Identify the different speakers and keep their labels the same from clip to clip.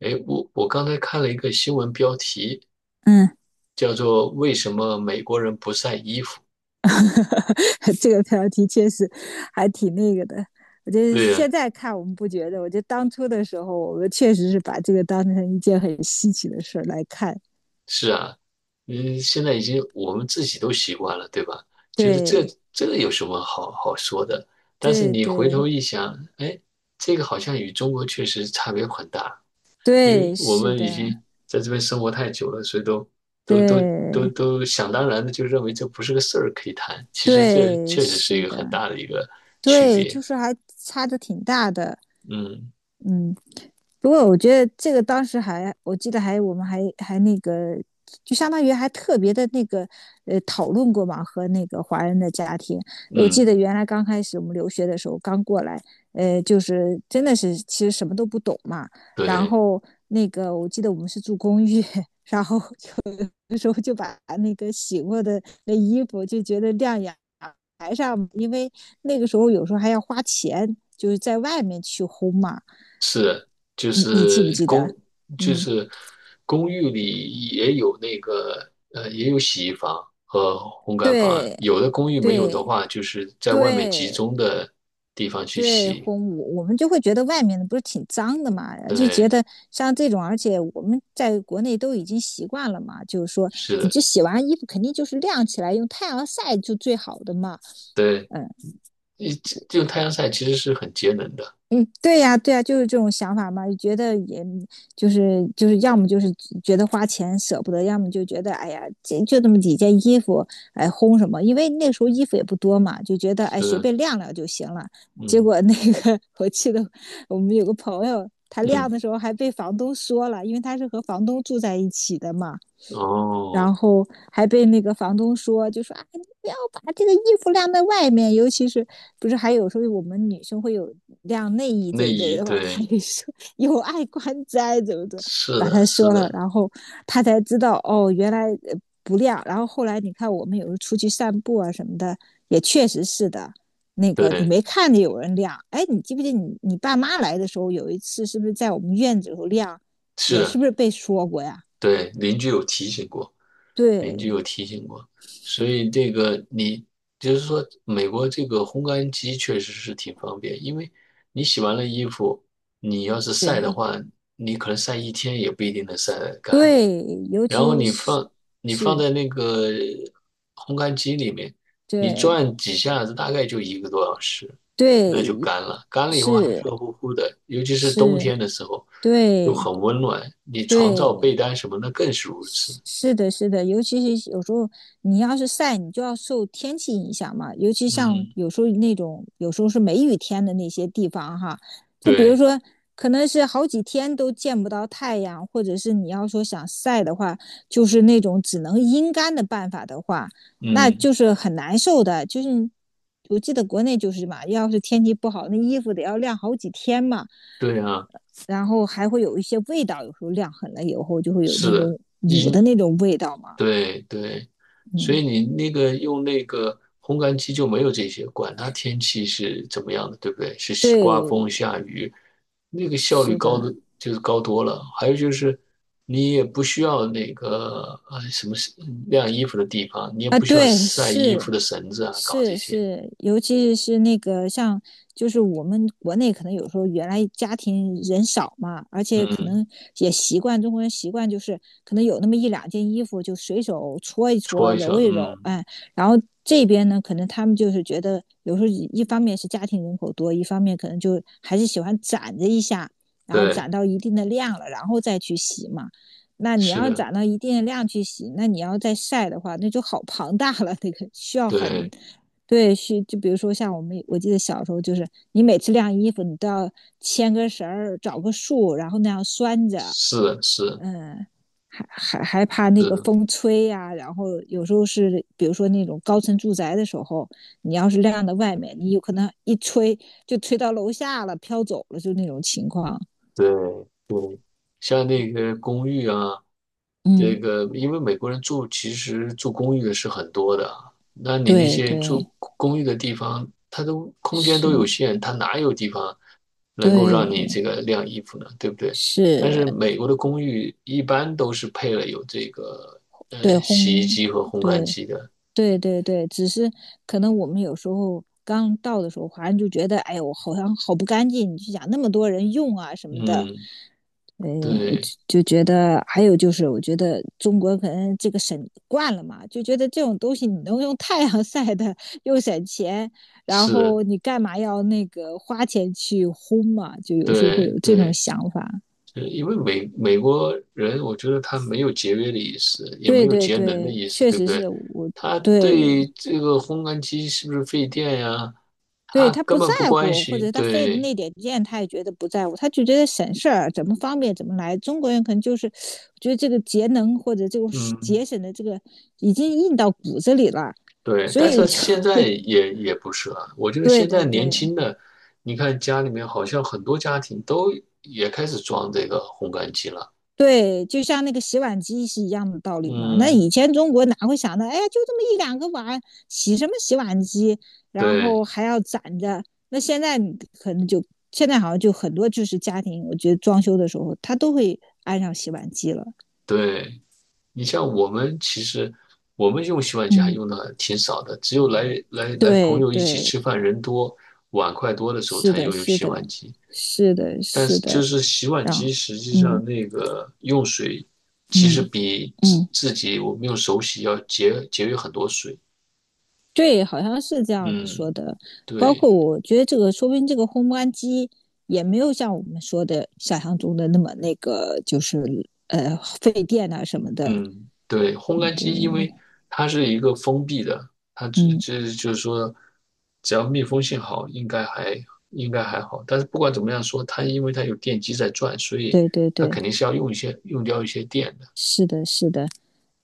Speaker 1: 哎，我刚才看了一个新闻标题，
Speaker 2: 嗯，
Speaker 1: 叫做"为什么美国人不晒衣服"。
Speaker 2: 这个标题确实还挺那个的。我觉得
Speaker 1: 对呀，
Speaker 2: 现在看我们不觉得，我觉得当初的时候，我们确实是把这个当成一件很稀奇的事来看。
Speaker 1: 是啊，现在已经我们自己都习惯了，对吧？觉得这
Speaker 2: 对，
Speaker 1: 这有什么好说的？但是
Speaker 2: 对，
Speaker 1: 你回头
Speaker 2: 对，
Speaker 1: 一想，哎，这个好像与中国确实差别很大，因为
Speaker 2: 对，
Speaker 1: 我
Speaker 2: 是
Speaker 1: 们已
Speaker 2: 的，
Speaker 1: 经在这边生活太久了，所以都都都
Speaker 2: 对，
Speaker 1: 都想当然的就认为这不是个事儿可以谈。其实这
Speaker 2: 对，
Speaker 1: 确实是一
Speaker 2: 是
Speaker 1: 个
Speaker 2: 的，
Speaker 1: 很大的一个区
Speaker 2: 对，
Speaker 1: 别。
Speaker 2: 就是还差的挺大的。
Speaker 1: 嗯
Speaker 2: 嗯，不过我觉得这个当时还，我记得还我们还那个，就相当于还特别的那个讨论过嘛，和那个华人的家庭。我记
Speaker 1: 嗯。
Speaker 2: 得原来刚开始我们留学的时候，刚过来，就是真的是其实什么都不懂嘛。然
Speaker 1: 对，
Speaker 2: 后那个我记得我们是住公寓，然后有的时候就把那个洗过的那衣服就觉得晾阳台上，因为那个时候有时候还要花钱，就是在外面去烘嘛。
Speaker 1: 是，就
Speaker 2: 你记不
Speaker 1: 是
Speaker 2: 记得？
Speaker 1: 公，就
Speaker 2: 嗯，
Speaker 1: 是公寓里也有那个，也有洗衣房和烘干房。
Speaker 2: 对
Speaker 1: 有的公寓没有的
Speaker 2: 对
Speaker 1: 话，就是在外面集
Speaker 2: 对
Speaker 1: 中的地方去
Speaker 2: 对，
Speaker 1: 洗。
Speaker 2: 烘舞，我们就会觉得外面的不是挺脏的嘛，就觉
Speaker 1: 对，
Speaker 2: 得像这种，而且我们在国内都已经习惯了嘛，就是说，
Speaker 1: 是
Speaker 2: 你
Speaker 1: 的，
Speaker 2: 这洗完衣服肯定就是晾起来，用太阳晒就最好的嘛，
Speaker 1: 对，
Speaker 2: 嗯。
Speaker 1: 这种太阳晒其实是很节能的。
Speaker 2: 嗯，对呀，对呀，就是这种想法嘛，觉得也就是，要么就是觉得花钱舍不得，要么就觉得哎呀，这就那么几件衣服，哎，烘什么？因为那时候衣服也不多嘛，就觉得哎，随
Speaker 1: 是，
Speaker 2: 便晾晾就行了。结
Speaker 1: 嗯
Speaker 2: 果那个 我记得我们有个朋友，他晾
Speaker 1: 嗯，
Speaker 2: 的时候还被房东说了，因为他是和房东住在一起的嘛，
Speaker 1: 哦，
Speaker 2: 然后还被那个房东说，就说啊，你不要把这个衣服晾在外面，尤其是不是还有时候我们女生会有晾内衣这
Speaker 1: 内
Speaker 2: 一类
Speaker 1: 衣，
Speaker 2: 的吧？他
Speaker 1: 对，
Speaker 2: 也说有碍观瞻，怎么怎么
Speaker 1: 是
Speaker 2: 把
Speaker 1: 的，
Speaker 2: 他
Speaker 1: 是
Speaker 2: 说了，
Speaker 1: 的，
Speaker 2: 然后他才知道哦，原来不晾。然后后来你看，我们有时候出去散步啊什么的，也确实是的。那个你
Speaker 1: 对，
Speaker 2: 没看见有人晾，哎，你记不记你爸妈来的时候有一次是不是在我们院子里头晾，
Speaker 1: 是
Speaker 2: 也是
Speaker 1: 的。
Speaker 2: 不是被说过呀？
Speaker 1: 对，邻居有提醒过，邻居
Speaker 2: 对
Speaker 1: 有提醒过，所以这个你就是说，美国这个烘干机确实是挺方便，因为你洗完了衣服，你要是晒的
Speaker 2: 对。
Speaker 1: 话，你可能晒一天也不一定能晒得干，
Speaker 2: 对，尤
Speaker 1: 然后
Speaker 2: 其
Speaker 1: 你
Speaker 2: 是
Speaker 1: 放你放
Speaker 2: 是，
Speaker 1: 在那个烘干机里面，你
Speaker 2: 对
Speaker 1: 转几下子，大概就一个多小时，那就
Speaker 2: 对
Speaker 1: 干了。干了以后还
Speaker 2: 是
Speaker 1: 热乎乎的，尤其是冬
Speaker 2: 是，
Speaker 1: 天的时候，就
Speaker 2: 对
Speaker 1: 很温暖。你床罩、被
Speaker 2: 对
Speaker 1: 单什么的更是如此。
Speaker 2: 是是的，是的，尤其是有时候你要是晒，你就要受天气影响嘛，尤其像
Speaker 1: 嗯，
Speaker 2: 有时候那种有时候是梅雨天的那些地方哈，就比如
Speaker 1: 对，
Speaker 2: 说可能是好几天都见不到太阳，或者是你要说想晒的话，就是那种只能阴干的办法的话。那
Speaker 1: 嗯，
Speaker 2: 就是很难受的。就是我记得国内就是嘛，要是天气不好，那衣服得要晾好几天嘛，
Speaker 1: 对啊，
Speaker 2: 然后还会有一些味道，有时候晾狠了以后就会有
Speaker 1: 是
Speaker 2: 那
Speaker 1: 的。
Speaker 2: 种捂的
Speaker 1: 你
Speaker 2: 那种味道嘛。
Speaker 1: 对对，所以
Speaker 2: 嗯，
Speaker 1: 你那个用那个烘干机就没有这些，管它天气是怎么样的，对不对？是刮风
Speaker 2: 对，
Speaker 1: 下雨，那个效率
Speaker 2: 是的，
Speaker 1: 高的就是高多了。还有就是你也不需要那个什么晾衣服的地方，你也
Speaker 2: 啊，
Speaker 1: 不需要
Speaker 2: 对，
Speaker 1: 晒衣
Speaker 2: 是
Speaker 1: 服的绳子啊，搞这
Speaker 2: 是
Speaker 1: 些。
Speaker 2: 是，尤其是那个像，就是我们国内可能有时候原来家庭人少嘛，而且可
Speaker 1: 嗯，
Speaker 2: 能也习惯中国人习惯就是可能有那么一两件衣服就随手搓一
Speaker 1: 搓
Speaker 2: 搓、
Speaker 1: 一下，
Speaker 2: 揉一揉，
Speaker 1: 嗯，
Speaker 2: 哎，然后这边呢，可能他们就是觉得有时候一方面是家庭人口多，一方面可能就还是喜欢攒着一下，然后
Speaker 1: 对，
Speaker 2: 攒到一定的量了，然后再去洗嘛。那你
Speaker 1: 是
Speaker 2: 要
Speaker 1: 的，
Speaker 2: 攒到一定的量去洗，那你要再晒的话，那就好庞大了，那个需要很，
Speaker 1: 对，
Speaker 2: 对，需就比如说像我们，我记得小时候就是，你每次晾衣服，你都要牵个绳儿，找个树，然后那样拴着，
Speaker 1: 是的，是是，
Speaker 2: 嗯，还怕那个
Speaker 1: 对
Speaker 2: 风吹呀、啊然后有时候是，比如说那种高层住宅的时候，你要是晾到外面，你有可能一吹就吹到楼下了，飘走了，就那种情况。
Speaker 1: 对，像那个公寓啊。这
Speaker 2: 嗯，
Speaker 1: 个，因为美国人住其实住公寓的是很多的啊，那你那
Speaker 2: 对
Speaker 1: 些住
Speaker 2: 对，
Speaker 1: 公寓的地方，它都空间
Speaker 2: 是，
Speaker 1: 都有限，它哪有地方能够
Speaker 2: 对。
Speaker 1: 让你这个晾衣服呢？对不对？但
Speaker 2: 是，
Speaker 1: 是美国的公寓一般都是配了有这个
Speaker 2: 对，
Speaker 1: 洗衣
Speaker 2: 烘，
Speaker 1: 机和烘干
Speaker 2: 对，
Speaker 1: 机的。
Speaker 2: 对对对，只是可能我们有时候刚到的时候，华人就觉得，哎呦，我好像好不干净，你就想那么多人用啊什么的，
Speaker 1: 嗯，
Speaker 2: 呃，
Speaker 1: 对，
Speaker 2: 就觉得，还有就是，我觉得中国可能这个省惯了嘛，就觉得这种东西你能用太阳晒的，又省钱，然
Speaker 1: 是，
Speaker 2: 后你干嘛要那个花钱去烘嘛？就有时候会
Speaker 1: 对
Speaker 2: 有这种
Speaker 1: 对。
Speaker 2: 想法。
Speaker 1: 对，因为美国人，我觉得他没有节约的意思，也没
Speaker 2: 对
Speaker 1: 有
Speaker 2: 对
Speaker 1: 节能的
Speaker 2: 对，
Speaker 1: 意思，
Speaker 2: 确
Speaker 1: 对不
Speaker 2: 实
Speaker 1: 对？
Speaker 2: 是我。
Speaker 1: 他
Speaker 2: 对，
Speaker 1: 对这个烘干机是不是费电呀，
Speaker 2: 对
Speaker 1: 他
Speaker 2: 他
Speaker 1: 根
Speaker 2: 不
Speaker 1: 本
Speaker 2: 在
Speaker 1: 不关
Speaker 2: 乎，或
Speaker 1: 心。
Speaker 2: 者他费的
Speaker 1: 对，
Speaker 2: 那点劲，他也觉得不在乎，他就觉得省事儿，怎么方便怎么来。中国人可能就是觉得这个节能或者这种
Speaker 1: 嗯，
Speaker 2: 节省的这个已经印到骨子里了，
Speaker 1: 对。
Speaker 2: 所
Speaker 1: 但
Speaker 2: 以
Speaker 1: 是
Speaker 2: 就
Speaker 1: 现在也不是了，我觉 得
Speaker 2: 对
Speaker 1: 现在
Speaker 2: 对
Speaker 1: 年
Speaker 2: 对
Speaker 1: 轻的，你看家里面好像很多家庭都也开始装这个烘干机了。
Speaker 2: 对，就像那个洗碗机是一样的道理嘛。那
Speaker 1: 嗯，
Speaker 2: 以前中国哪会想到，哎呀，就这么一两个碗，洗什么洗碗机，然
Speaker 1: 对
Speaker 2: 后还要攒着。那现在你可能就现在好像就很多就是家庭，我觉得装修的时候他都会。安上洗碗机了，
Speaker 1: 对。你像我们，其实我们用洗碗机还
Speaker 2: 嗯，
Speaker 1: 用的挺少的，只有来朋
Speaker 2: 对
Speaker 1: 友一起
Speaker 2: 对，
Speaker 1: 吃饭，人多碗筷多的时候
Speaker 2: 是
Speaker 1: 才
Speaker 2: 的，
Speaker 1: 用
Speaker 2: 是
Speaker 1: 洗
Speaker 2: 的，
Speaker 1: 碗机。
Speaker 2: 是的，
Speaker 1: 但
Speaker 2: 是
Speaker 1: 是就
Speaker 2: 的，
Speaker 1: 是洗碗
Speaker 2: 让，
Speaker 1: 机实际
Speaker 2: 嗯
Speaker 1: 上那个用水，其实
Speaker 2: 嗯
Speaker 1: 比自
Speaker 2: 嗯，
Speaker 1: 自己我们用手洗要节约很多水。
Speaker 2: 对，好像是这样子说
Speaker 1: 嗯，
Speaker 2: 的。包
Speaker 1: 对。
Speaker 2: 括我觉得这个，说不定这个烘干机也没有像我们说的想象中的那么那个，就是费电啊什么的。
Speaker 1: 嗯，对，烘
Speaker 2: 嗯，
Speaker 1: 干
Speaker 2: 对，
Speaker 1: 机因为它是一个封闭的，它只
Speaker 2: 嗯，
Speaker 1: 只就是说，只要密封性好，应该还好。但是不管怎么样说，它因为它有电机在转，所以
Speaker 2: 对对
Speaker 1: 它
Speaker 2: 对，
Speaker 1: 肯定是要用掉一些电的。
Speaker 2: 是的，是的。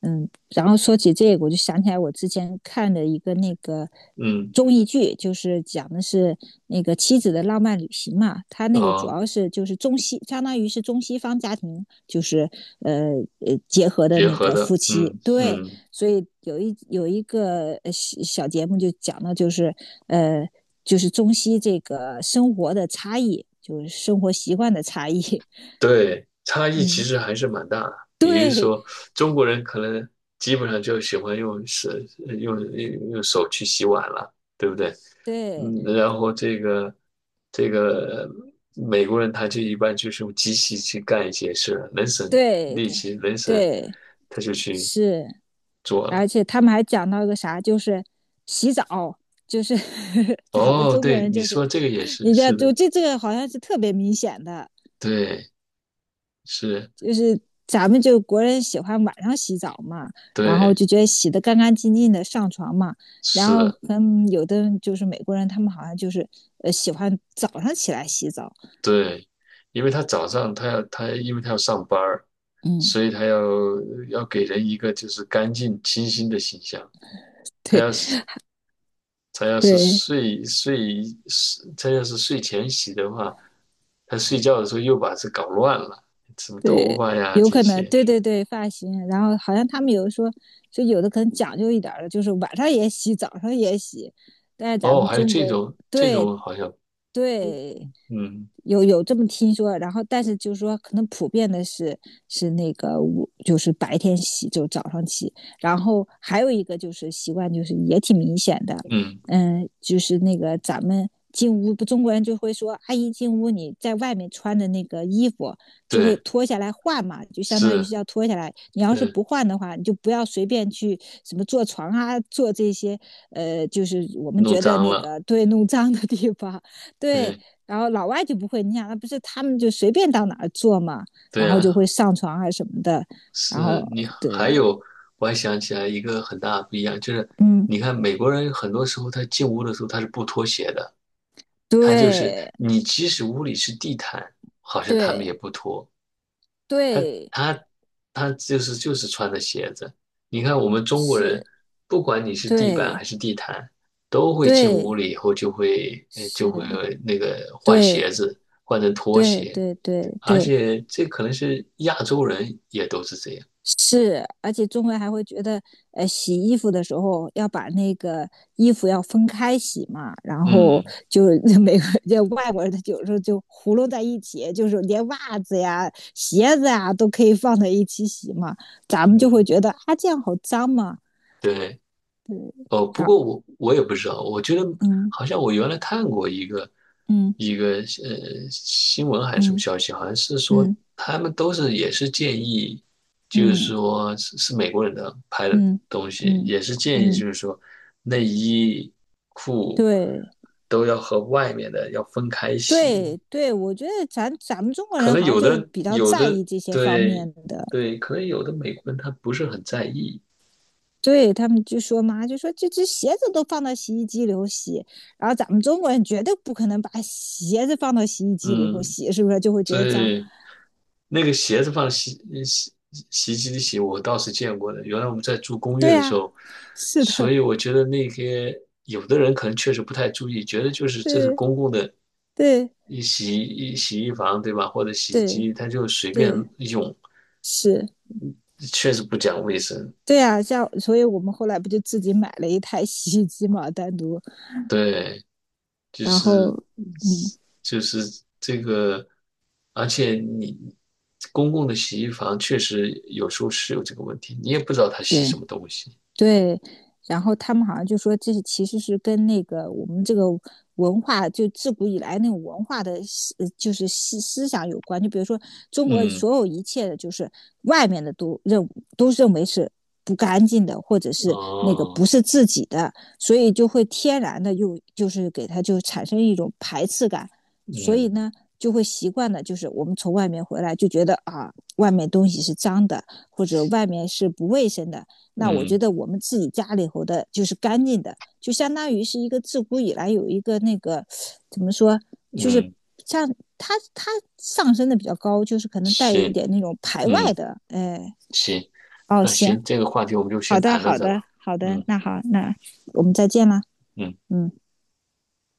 Speaker 2: 嗯，然后说起这个，我就想起来我之前看的一个那个
Speaker 1: 嗯，
Speaker 2: 综艺剧，就是讲的是那个妻子的浪漫旅行嘛。它那个主
Speaker 1: 哦，
Speaker 2: 要是就是中西，相当于是中西方家庭，就是呃结合的
Speaker 1: 结
Speaker 2: 那
Speaker 1: 合
Speaker 2: 个夫
Speaker 1: 的，
Speaker 2: 妻。
Speaker 1: 嗯
Speaker 2: 对，
Speaker 1: 嗯，
Speaker 2: 所以有一个小节目就讲的呃就是中西这个生活的差异，就是生活习惯的差异。
Speaker 1: 对，差异其
Speaker 2: 嗯，
Speaker 1: 实还是蛮大的。比如
Speaker 2: 对
Speaker 1: 说，中国人可能基本上就喜欢用手去洗碗了，对不对？嗯，
Speaker 2: 对
Speaker 1: 然后美国人他就一般就是用机器去干一些事儿，能省
Speaker 2: 对
Speaker 1: 力
Speaker 2: 对
Speaker 1: 气，
Speaker 2: 对。
Speaker 1: 他就去
Speaker 2: 是，
Speaker 1: 做了。
Speaker 2: 而且他们还讲到一个啥，就是洗澡，就是 咱们
Speaker 1: 哦，
Speaker 2: 中国
Speaker 1: 对，
Speaker 2: 人
Speaker 1: 你
Speaker 2: 就是，
Speaker 1: 说这个也是，
Speaker 2: 你的
Speaker 1: 是
Speaker 2: 就
Speaker 1: 的，
Speaker 2: 这个好像是特别明显的，
Speaker 1: 对，是，
Speaker 2: 就是咱们就国人喜欢晚上洗澡嘛，然后
Speaker 1: 对，
Speaker 2: 就觉得洗的干干净净的上床嘛，然
Speaker 1: 是
Speaker 2: 后
Speaker 1: 的，
Speaker 2: 跟有的人就是美国人，他们好像就是喜欢早上起来洗澡，
Speaker 1: 对，因为他早上他因为他要上班儿，
Speaker 2: 嗯，
Speaker 1: 所以他要给人一个就是干净清新的形象，他
Speaker 2: 对
Speaker 1: 要是
Speaker 2: 对，
Speaker 1: 他要是睡前洗的话，他睡觉的时候又把这搞乱了，什么头
Speaker 2: 对，
Speaker 1: 发呀
Speaker 2: 有
Speaker 1: 这
Speaker 2: 可能，
Speaker 1: 些。
Speaker 2: 对对对，发型。然后好像他们有的说，就有的可能讲究一点儿的，就是晚上也洗，早上也洗。但是咱
Speaker 1: 哦，
Speaker 2: 们
Speaker 1: 还有
Speaker 2: 中
Speaker 1: 这
Speaker 2: 国，
Speaker 1: 种这
Speaker 2: 对
Speaker 1: 种好像，
Speaker 2: 对，
Speaker 1: 嗯
Speaker 2: 有这么听说，然后但是就是说，可能普遍的是那个就是白天洗，就早上起。然后还有一个就是习惯，就是也挺明显的，
Speaker 1: 嗯，
Speaker 2: 嗯，就是那个咱们进屋，不中国人就会说，阿姨进屋你在外面穿的那个衣服就会
Speaker 1: 对，
Speaker 2: 脱下来换嘛，就相当于是
Speaker 1: 是，
Speaker 2: 要脱下来。你要是
Speaker 1: 嗯，
Speaker 2: 不换的话，你就不要随便去什么坐床啊，坐这些就是我们
Speaker 1: 弄
Speaker 2: 觉得
Speaker 1: 脏
Speaker 2: 那
Speaker 1: 了，
Speaker 2: 个对弄脏的地方，对。
Speaker 1: 对
Speaker 2: 然后老外就不会，你想，那不是他们就随便到哪儿坐嘛，然
Speaker 1: 对
Speaker 2: 后
Speaker 1: 啊，
Speaker 2: 就会上床啊什么的，然
Speaker 1: 是
Speaker 2: 后
Speaker 1: 你还
Speaker 2: 对，
Speaker 1: 有，我还想起来一个很大的不一样，就是
Speaker 2: 嗯，
Speaker 1: 你看美国人很多时候他进屋的时候他是不脱鞋的，他就是
Speaker 2: 对
Speaker 1: 你即使屋里是地毯，好像他们
Speaker 2: 对
Speaker 1: 也不脱。他
Speaker 2: 对，
Speaker 1: 他他就是穿的鞋子。你看我们中国人，
Speaker 2: 是，
Speaker 1: 不管你是地板
Speaker 2: 对
Speaker 1: 还是地毯，都会进屋
Speaker 2: 对
Speaker 1: 里以后就会呃就
Speaker 2: 是，
Speaker 1: 会那个换
Speaker 2: 对
Speaker 1: 鞋子，换成拖
Speaker 2: 对
Speaker 1: 鞋，
Speaker 2: 对对
Speaker 1: 而
Speaker 2: 对，
Speaker 1: 且这可能是亚洲人也都是这样。
Speaker 2: 是，而且中人还会觉得，洗衣服的时候要把那个衣服要分开洗嘛，然后
Speaker 1: 嗯
Speaker 2: 就美国 就外国人他有时候就糊弄在一起，就是连袜子呀、鞋子呀都可以放在一起洗嘛，咱们就会
Speaker 1: 嗯，
Speaker 2: 觉得啊这样好脏嘛，
Speaker 1: 对。哦，不
Speaker 2: 然后
Speaker 1: 过我也不知道，我觉得
Speaker 2: 嗯
Speaker 1: 好像我原来看过一个
Speaker 2: 嗯
Speaker 1: 一个呃新闻还是什么
Speaker 2: 嗯
Speaker 1: 消息，好像是说
Speaker 2: 嗯
Speaker 1: 他们都是也是建议，就是
Speaker 2: 嗯
Speaker 1: 说是美国人的拍的
Speaker 2: 嗯
Speaker 1: 东西，
Speaker 2: 嗯
Speaker 1: 也是建议
Speaker 2: 嗯，
Speaker 1: 就是说内衣裤
Speaker 2: 对
Speaker 1: 都要和外面的要分开洗，
Speaker 2: 对对，我觉得咱们中国
Speaker 1: 可
Speaker 2: 人
Speaker 1: 能
Speaker 2: 好像
Speaker 1: 有
Speaker 2: 就
Speaker 1: 的
Speaker 2: 比较
Speaker 1: 有
Speaker 2: 在
Speaker 1: 的
Speaker 2: 意这些方
Speaker 1: 对
Speaker 2: 面的。
Speaker 1: 对，可能有的美国人他不是很在意，
Speaker 2: 对他们就说嘛，就说这只鞋子都放到洗衣机里头洗，然后咱们中国人绝对不可能把鞋子放到洗衣机里头
Speaker 1: 嗯。
Speaker 2: 洗，是不是就会觉
Speaker 1: 所
Speaker 2: 得脏？
Speaker 1: 以，那个鞋子放洗洗衣机里洗，我倒是见过的。原来我们在住公寓
Speaker 2: 对
Speaker 1: 的时
Speaker 2: 呀、
Speaker 1: 候，
Speaker 2: 是
Speaker 1: 所
Speaker 2: 的，
Speaker 1: 以我觉得那些有的人可能确实不太注意，觉得就是这是
Speaker 2: 对
Speaker 1: 公共的
Speaker 2: 对
Speaker 1: 一洗一洗衣房，对吧？或者洗衣
Speaker 2: 对
Speaker 1: 机，他就随便
Speaker 2: 对，
Speaker 1: 用，
Speaker 2: 是，
Speaker 1: 确实不讲卫生。
Speaker 2: 对呀、像所以我们后来不就自己买了一台洗衣机嘛，单独，
Speaker 1: 对，就
Speaker 2: 然
Speaker 1: 是
Speaker 2: 后嗯，
Speaker 1: 就是这个，而且你公共的洗衣房确实有时候是有这个问题，你也不知道他洗什
Speaker 2: 对，
Speaker 1: 么东西。
Speaker 2: 对，然后他们好像就说这是其实是跟那个我们这个文化，就自古以来那种文化的就是想有关。就比如说中国
Speaker 1: 嗯，
Speaker 2: 所有一切的，就是外面的都认为是不干净的，或者是那个
Speaker 1: 哦，
Speaker 2: 不是自己的，所以就会天然的又就是给他就产生一种排斥感，所以
Speaker 1: 嗯，
Speaker 2: 呢。就会习惯的，就是我们从外面回来就觉得啊，外面东西是脏的，或者外面是不卫生的，那我觉
Speaker 1: 嗯，
Speaker 2: 得我们自己家里头的就是干净的，就相当于是一个自古以来有一个那个怎么说，就是
Speaker 1: 嗯，
Speaker 2: 像它上升的比较高，就是可能带一
Speaker 1: 行，
Speaker 2: 点那种排外
Speaker 1: 嗯，
Speaker 2: 的，哎，
Speaker 1: 行，
Speaker 2: 哦，
Speaker 1: 那
Speaker 2: 行，
Speaker 1: 行，这个话题我们就
Speaker 2: 好
Speaker 1: 先
Speaker 2: 的，
Speaker 1: 谈到
Speaker 2: 好
Speaker 1: 这
Speaker 2: 的，
Speaker 1: 吧。
Speaker 2: 好的，
Speaker 1: 嗯
Speaker 2: 那好，那我们再见啦，
Speaker 1: 嗯。
Speaker 2: 嗯。